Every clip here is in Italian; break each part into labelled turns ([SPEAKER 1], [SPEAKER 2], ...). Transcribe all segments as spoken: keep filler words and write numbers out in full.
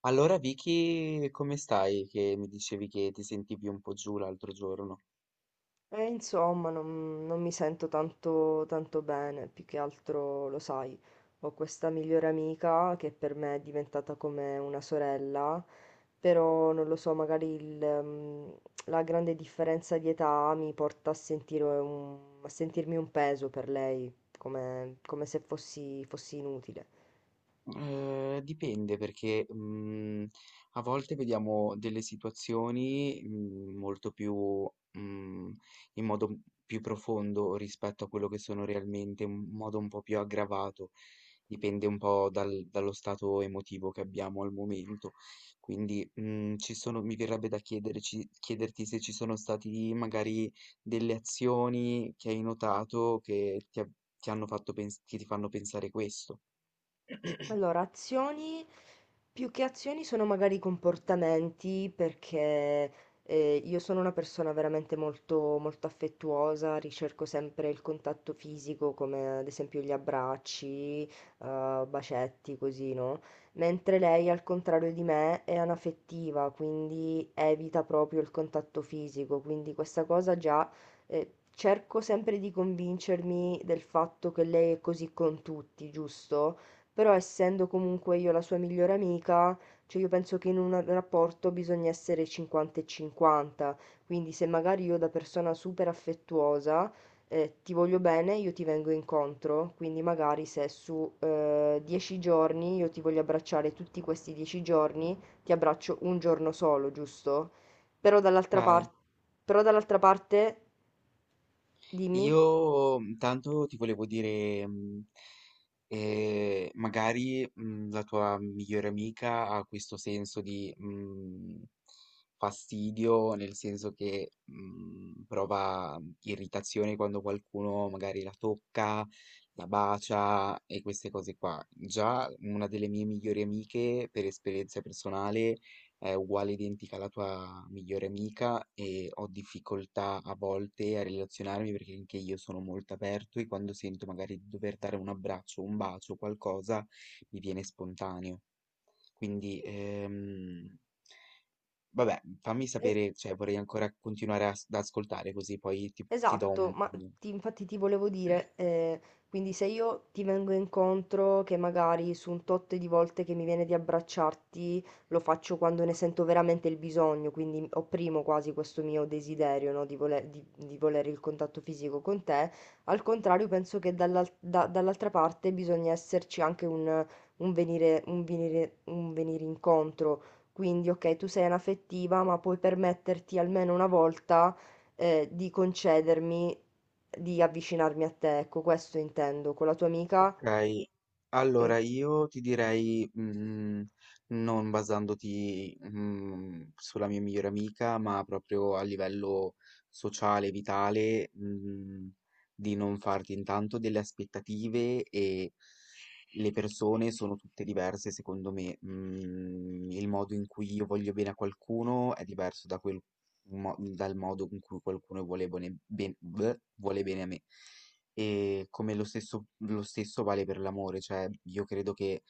[SPEAKER 1] Allora Vicky, come stai? Che mi dicevi che ti sentivi un po' giù l'altro giorno.
[SPEAKER 2] E insomma, non, non mi sento tanto, tanto bene, più che altro lo sai, ho questa migliore amica che per me è diventata come una sorella, però non lo so, magari il, mm, la grande differenza di età mi porta a sentire un- a sentirmi un peso per lei, come, come se fossi fossi inutile.
[SPEAKER 1] Ehm, dipende perché, mhmm, a volte vediamo delle situazioni, mhmm, molto più mhmm, in modo m- più profondo rispetto a quello che sono realmente, in modo un po' più aggravato. Dipende un po' dal dallo stato emotivo che abbiamo al momento. Quindi, mhmm, ci sono mi verrebbe da chiederci chiederti se ci sono stati magari delle azioni che hai notato che ti ha ti hanno fatto pens che ti fanno pensare questo.
[SPEAKER 2] Allora, azioni, più che azioni sono magari comportamenti, perché eh, io sono una persona veramente molto, molto affettuosa, ricerco sempre il contatto fisico, come ad esempio gli abbracci, eh, bacetti, così, no? Mentre lei, al contrario di me, è anaffettiva, quindi evita proprio il contatto fisico, quindi questa cosa già... eh, cerco sempre di convincermi del fatto che lei è così con tutti, giusto? Però essendo comunque io la sua migliore amica, cioè io penso che in un rapporto bisogna essere cinquanta e cinquanta, quindi se magari io da persona super affettuosa eh, ti voglio bene, io ti vengo incontro, quindi magari se su eh, dieci giorni io ti voglio abbracciare tutti questi dieci giorni, ti abbraccio un giorno solo, giusto? Però dall'altra
[SPEAKER 1] Okay.
[SPEAKER 2] parte, però dall'altra parte, dimmi.
[SPEAKER 1] Io mh, tanto ti volevo dire, mh, eh, magari mh, la tua migliore amica ha questo senso di mh, fastidio, nel senso che mh, prova irritazione quando qualcuno magari la tocca, la bacia e queste cose qua. Già una delle mie migliori amiche, per esperienza personale, è uguale identica alla tua migliore amica e ho difficoltà a volte a relazionarmi perché anche io sono molto aperto e quando sento magari di dover dare un abbraccio, un bacio, qualcosa, mi viene spontaneo. Quindi, ehm, vabbè, fammi sapere, cioè vorrei ancora continuare as- ad ascoltare così poi ti, ti do
[SPEAKER 2] Esatto,
[SPEAKER 1] un...
[SPEAKER 2] ma ti- infatti ti volevo dire, eh, quindi se io ti vengo incontro, che magari su un tot di volte che mi viene di abbracciarti, lo faccio quando ne sento veramente il bisogno, quindi opprimo quasi questo mio desiderio, no, di voler, di- di volere il contatto fisico con te, al contrario penso che dall'al- da- dall'altra parte bisogna esserci anche un, un venire, un venire, un venire incontro, quindi ok, tu sei anaffettiva, ma puoi permetterti almeno una volta eh, di concedermi di avvicinarmi a te, ecco, questo intendo, con la tua amica,
[SPEAKER 1] Okay,
[SPEAKER 2] eh,
[SPEAKER 1] allora io ti direi, mhmm, non basandoti, mhmm, sulla mia migliore amica, ma proprio a livello sociale, vitale, mhmm, di non farti intanto delle aspettative e le persone sono tutte diverse secondo me. Mhmm, il modo in cui io voglio bene a qualcuno è diverso da quel mo dal modo in cui qualcuno vuole bone ben bleh, vuole bene a me. E come lo stesso, lo stesso vale per l'amore, cioè io credo che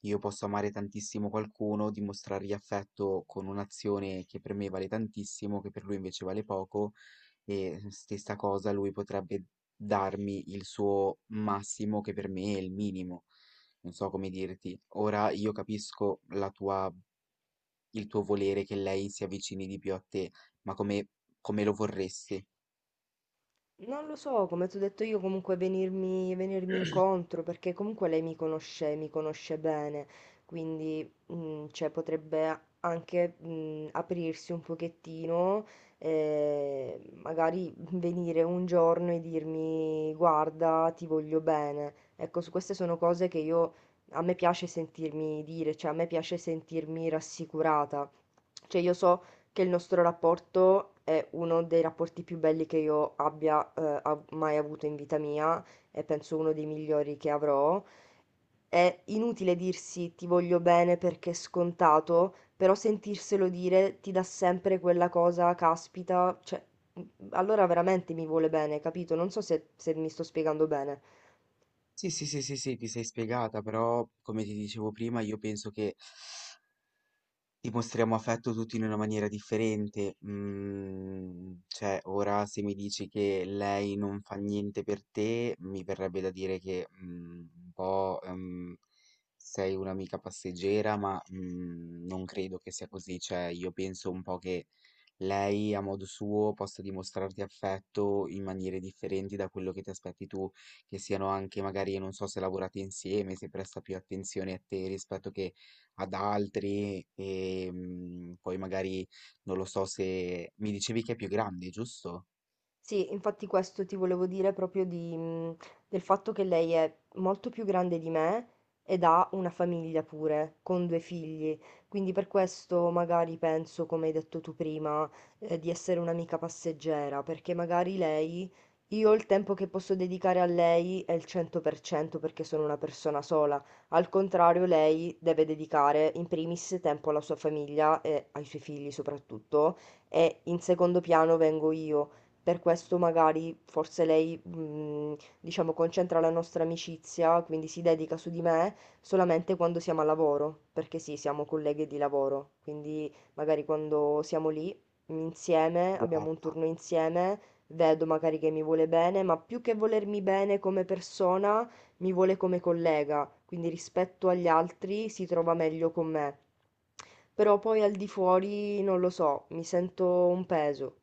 [SPEAKER 1] io possa amare tantissimo qualcuno, dimostrargli affetto con un'azione che per me vale tantissimo, che per lui invece vale poco, e stessa cosa lui potrebbe darmi il suo massimo che per me è il minimo. Non so come dirti. Ora io capisco la tua, il tuo volere che lei si avvicini di più a te, ma come, come lo vorresti?
[SPEAKER 2] non lo so, come ti ho detto io, comunque venirmi, venirmi incontro, perché comunque lei mi conosce, mi conosce bene, quindi mm, cioè, potrebbe a- anche mm, aprirsi un pochettino, eh, magari venire un giorno e dirmi guarda, ti voglio bene. Ecco, su queste sono cose che io, a me piace sentirmi dire, cioè a me piace sentirmi rassicurata. Cioè io so che il nostro rapporto è uno dei rapporti più belli che io abbia eh, av- mai avuto in vita mia e penso uno dei migliori che avrò. È inutile dirsi ti voglio bene perché è scontato, però sentirselo dire ti dà sempre quella cosa, caspita, cioè, allora veramente mi vuole bene, capito? Non so se se mi sto spiegando bene.
[SPEAKER 1] Sì, sì, sì, sì, sì, ti sei spiegata, però come ti dicevo prima, io penso che dimostriamo affetto tutti in una maniera differente. Mm, cioè, ora se mi dici che lei non fa niente per te, mi verrebbe da dire che mm, un po' ehm, sei un'amica passeggera, ma mm, non credo che sia così. Cioè, io penso un po' che lei a modo suo possa dimostrarti affetto in maniere differenti da quello che ti aspetti tu, che siano anche magari, non so, se lavorate insieme, se presta più attenzione a te rispetto che ad altri, e mm, poi magari non lo so se mi dicevi che è più grande, giusto?
[SPEAKER 2] Sì, infatti questo ti volevo dire proprio di, mh, del fatto che lei è molto più grande di me ed ha una famiglia pure, con due figli. Quindi per questo magari penso, come hai detto tu prima, eh, di essere un'amica passeggera, perché magari lei, io il tempo che posso dedicare a lei è il cento per cento perché sono una persona sola. Al contrario, lei deve dedicare in primis tempo alla sua famiglia e ai suoi figli soprattutto, e in secondo piano vengo io. Per questo magari forse lei, mh, diciamo, concentra la nostra amicizia, quindi si dedica su di me solamente quando siamo al lavoro, perché sì, siamo colleghe di lavoro, quindi magari quando siamo lì mh, insieme, abbiamo un
[SPEAKER 1] Guarda.
[SPEAKER 2] turno insieme, vedo magari che mi vuole bene, ma più che volermi bene come persona, mi vuole come collega, quindi rispetto agli altri si trova meglio con me. Però poi al di fuori, non lo so, mi sento un peso.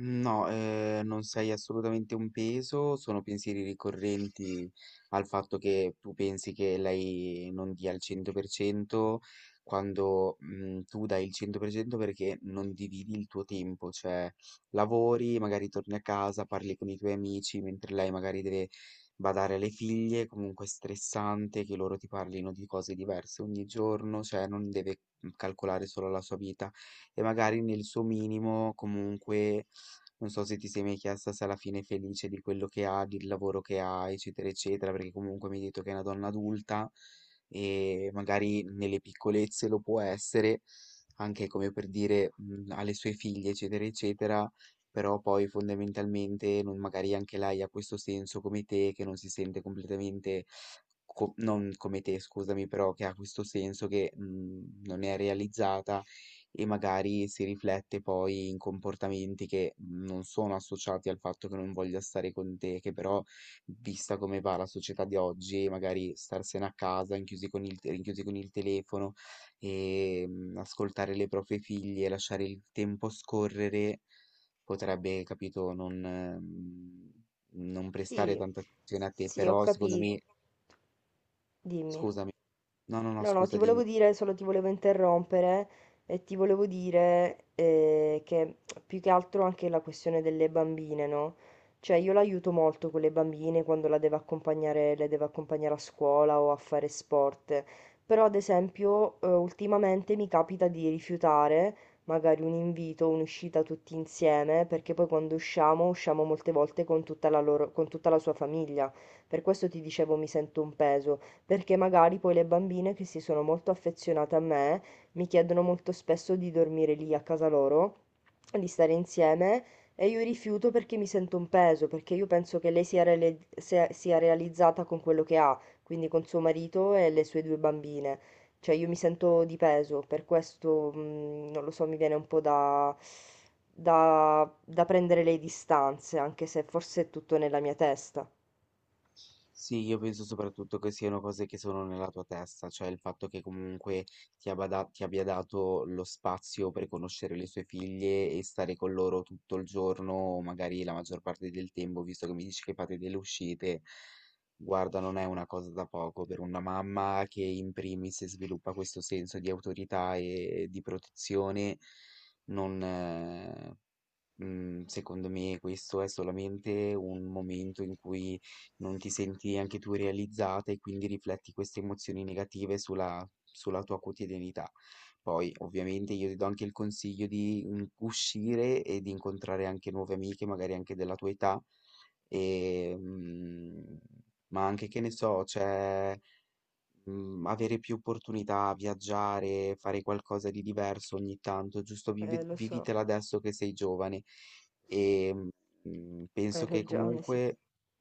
[SPEAKER 1] No, ehm, non sei assolutamente un peso, sono pensieri ricorrenti al fatto che tu pensi che lei non dia il cento per cento quando, mhmm, tu dai il cento per cento perché non dividi il tuo tempo, cioè lavori, magari torni a casa, parli con i tuoi amici, mentre lei magari deve badare alle figlie, comunque è stressante che loro ti parlino di cose diverse ogni giorno, cioè non deve, mhmm, calcolare solo la sua vita e magari nel suo minimo comunque non so se ti sei mai chiesta se alla fine è felice di quello che ha, del lavoro che ha, eccetera, eccetera, perché comunque mi hai detto che è una donna adulta e magari nelle piccolezze lo può essere, anche come per dire mh, alle sue figlie, eccetera, eccetera, però poi fondamentalmente non- magari anche lei ha questo senso come te, che non si sente completamente, co- non come te, scusami, però che ha questo senso che mh, non è realizzata e magari si riflette poi in comportamenti che non sono associati al fatto che non voglia stare con te, che però, vista come va la società di oggi, magari starsene a casa, rinchiusi con il, te- rinchiusi con il telefono e mm, ascoltare le proprie figlie, lasciare il tempo scorrere, potrebbe, capito, non, ehm, non prestare
[SPEAKER 2] Sì,
[SPEAKER 1] tanta attenzione a te,
[SPEAKER 2] sì, ho
[SPEAKER 1] però secondo
[SPEAKER 2] capito.
[SPEAKER 1] me,
[SPEAKER 2] Dimmi.
[SPEAKER 1] scusami, no, no, no,
[SPEAKER 2] No, no,
[SPEAKER 1] scusa,
[SPEAKER 2] ti
[SPEAKER 1] dimmi.
[SPEAKER 2] volevo dire, solo ti volevo interrompere e ti volevo dire eh, che più che altro anche la questione delle bambine, no? Cioè io l'aiuto molto con le bambine quando la devo accompagnare, le devo accompagnare a scuola o a fare sport, però ad esempio eh, ultimamente mi capita di rifiutare magari un invito, un'uscita tutti insieme, perché poi quando usciamo, usciamo molte volte con tutta la loro- con tutta la sua famiglia. Per questo ti dicevo mi sento un peso perché magari poi le bambine che si sono molto affezionate a me mi chiedono molto spesso di dormire lì a casa loro, di stare insieme e io rifiuto perché mi sento un peso, perché io penso che lei sia, reali- sia sia realizzata con quello che ha, quindi con suo marito e le sue due bambine. Cioè io mi sento di peso, per questo mm, non lo so, mi viene un po' da, da, da prendere le distanze, anche se forse è tutto nella mia testa.
[SPEAKER 1] Sì, io penso soprattutto che siano cose che sono nella tua testa, cioè il fatto che comunque ti abbia, da- ti abbia dato lo spazio per conoscere le sue figlie e stare con loro tutto il giorno, o magari la maggior parte del tempo, visto che mi dici che fate delle uscite. Guarda, non è una cosa da poco per una mamma che in primis sviluppa questo senso di autorità e di protezione. Non, eh, Mhmm, Secondo me questo è solamente un momento in cui non ti senti anche tu realizzata e quindi rifletti queste emozioni negative sulla sulla tua quotidianità. Poi ovviamente io ti do anche il consiglio di, mhmm, uscire e di incontrare anche nuove amiche, magari anche della tua età, ehm, ma anche che ne so, cioè mhmm, avere più opportunità, viaggiare, fare qualcosa di diverso ogni tanto, giusto vivi
[SPEAKER 2] Eh, lo so,
[SPEAKER 1] vivitela adesso che sei giovane. Ehm, mhmm,
[SPEAKER 2] hai
[SPEAKER 1] penso che
[SPEAKER 2] ragione, sì.
[SPEAKER 1] comunque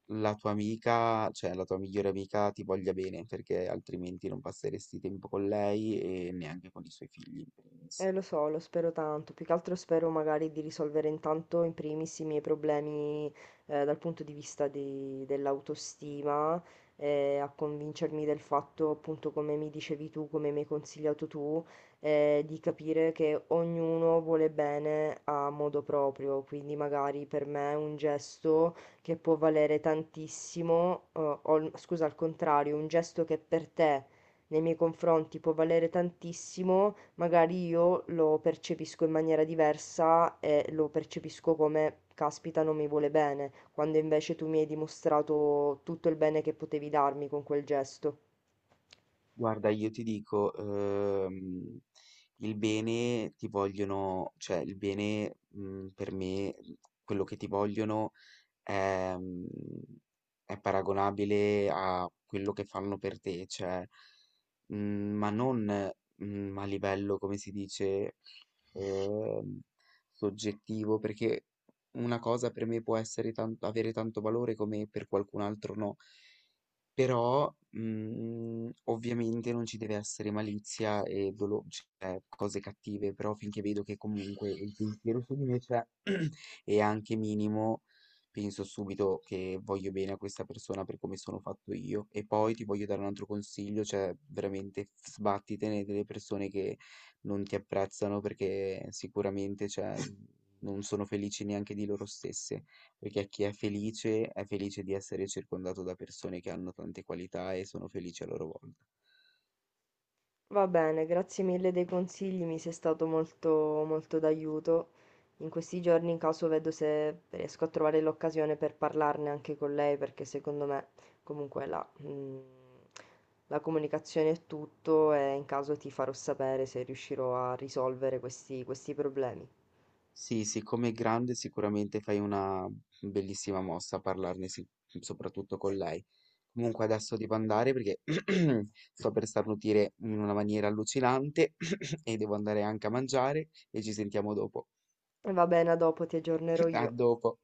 [SPEAKER 1] la tua amica, cioè la tua migliore amica ti voglia bene, perché altrimenti non passeresti tempo con lei e neanche con i suoi figli in primis.
[SPEAKER 2] Eh, lo so, lo spero tanto. Più che altro spero magari di risolvere intanto in primis i miei problemi eh, dal punto di vista di- dell'autostima, eh, a convincermi del fatto, appunto, come mi dicevi tu, come mi hai consigliato tu, eh, di capire che ognuno vuole bene a modo proprio. Quindi magari per me un gesto che può valere tantissimo, eh, o il- scusa, al contrario, un gesto che per te nei miei confronti può valere tantissimo magari io lo percepisco in maniera diversa e lo percepisco come caspita non mi vuole bene, quando invece tu mi hai dimostrato tutto il bene che potevi darmi con quel gesto.
[SPEAKER 1] Guarda, io ti dico, ehm, il bene ti vogliono cioè il bene, mhmm, per me, quello che ti vogliono ehm, è paragonabile a quello che fanno per te, cioè, mhmm, ma non, mhmm, a livello, come si dice, ehm, soggettivo, perché una cosa per me può essere tan avere tanto valore come per qualcun altro no. Però, mhmm, ovviamente non ci deve essere malizia e dolo cioè cose cattive, però finché vedo che comunque il pensiero su di me c'è e anche minimo, penso subito che voglio bene a questa persona per come sono fatto io. E poi ti voglio dare un altro consiglio, cioè veramente f sbattitene delle persone che non ti apprezzano perché sicuramente, cioè, non sono felici neanche di loro stesse. Perché chi è felice è felice di essere circondato da persone che hanno tante qualità e sono felici a loro volta.
[SPEAKER 2] Va bene, grazie mille dei consigli, mi sei stato molto, molto d'aiuto. In questi giorni, in caso, vedo se riesco a trovare l'occasione per parlarne anche con lei, perché secondo me, comunque, la, mm, la comunicazione è tutto e in caso ti farò sapere se riuscirò a risolvere questi, questi problemi.
[SPEAKER 1] Sì, siccome è grande sicuramente fai una bellissima mossa a parlarne sic- soprattutto con lei. Comunque adesso devo andare perché sto per starnutire in una maniera allucinante e devo andare anche a mangiare e ci sentiamo dopo.
[SPEAKER 2] E va bene, a dopo ti aggiornerò
[SPEAKER 1] A
[SPEAKER 2] io.
[SPEAKER 1] dopo.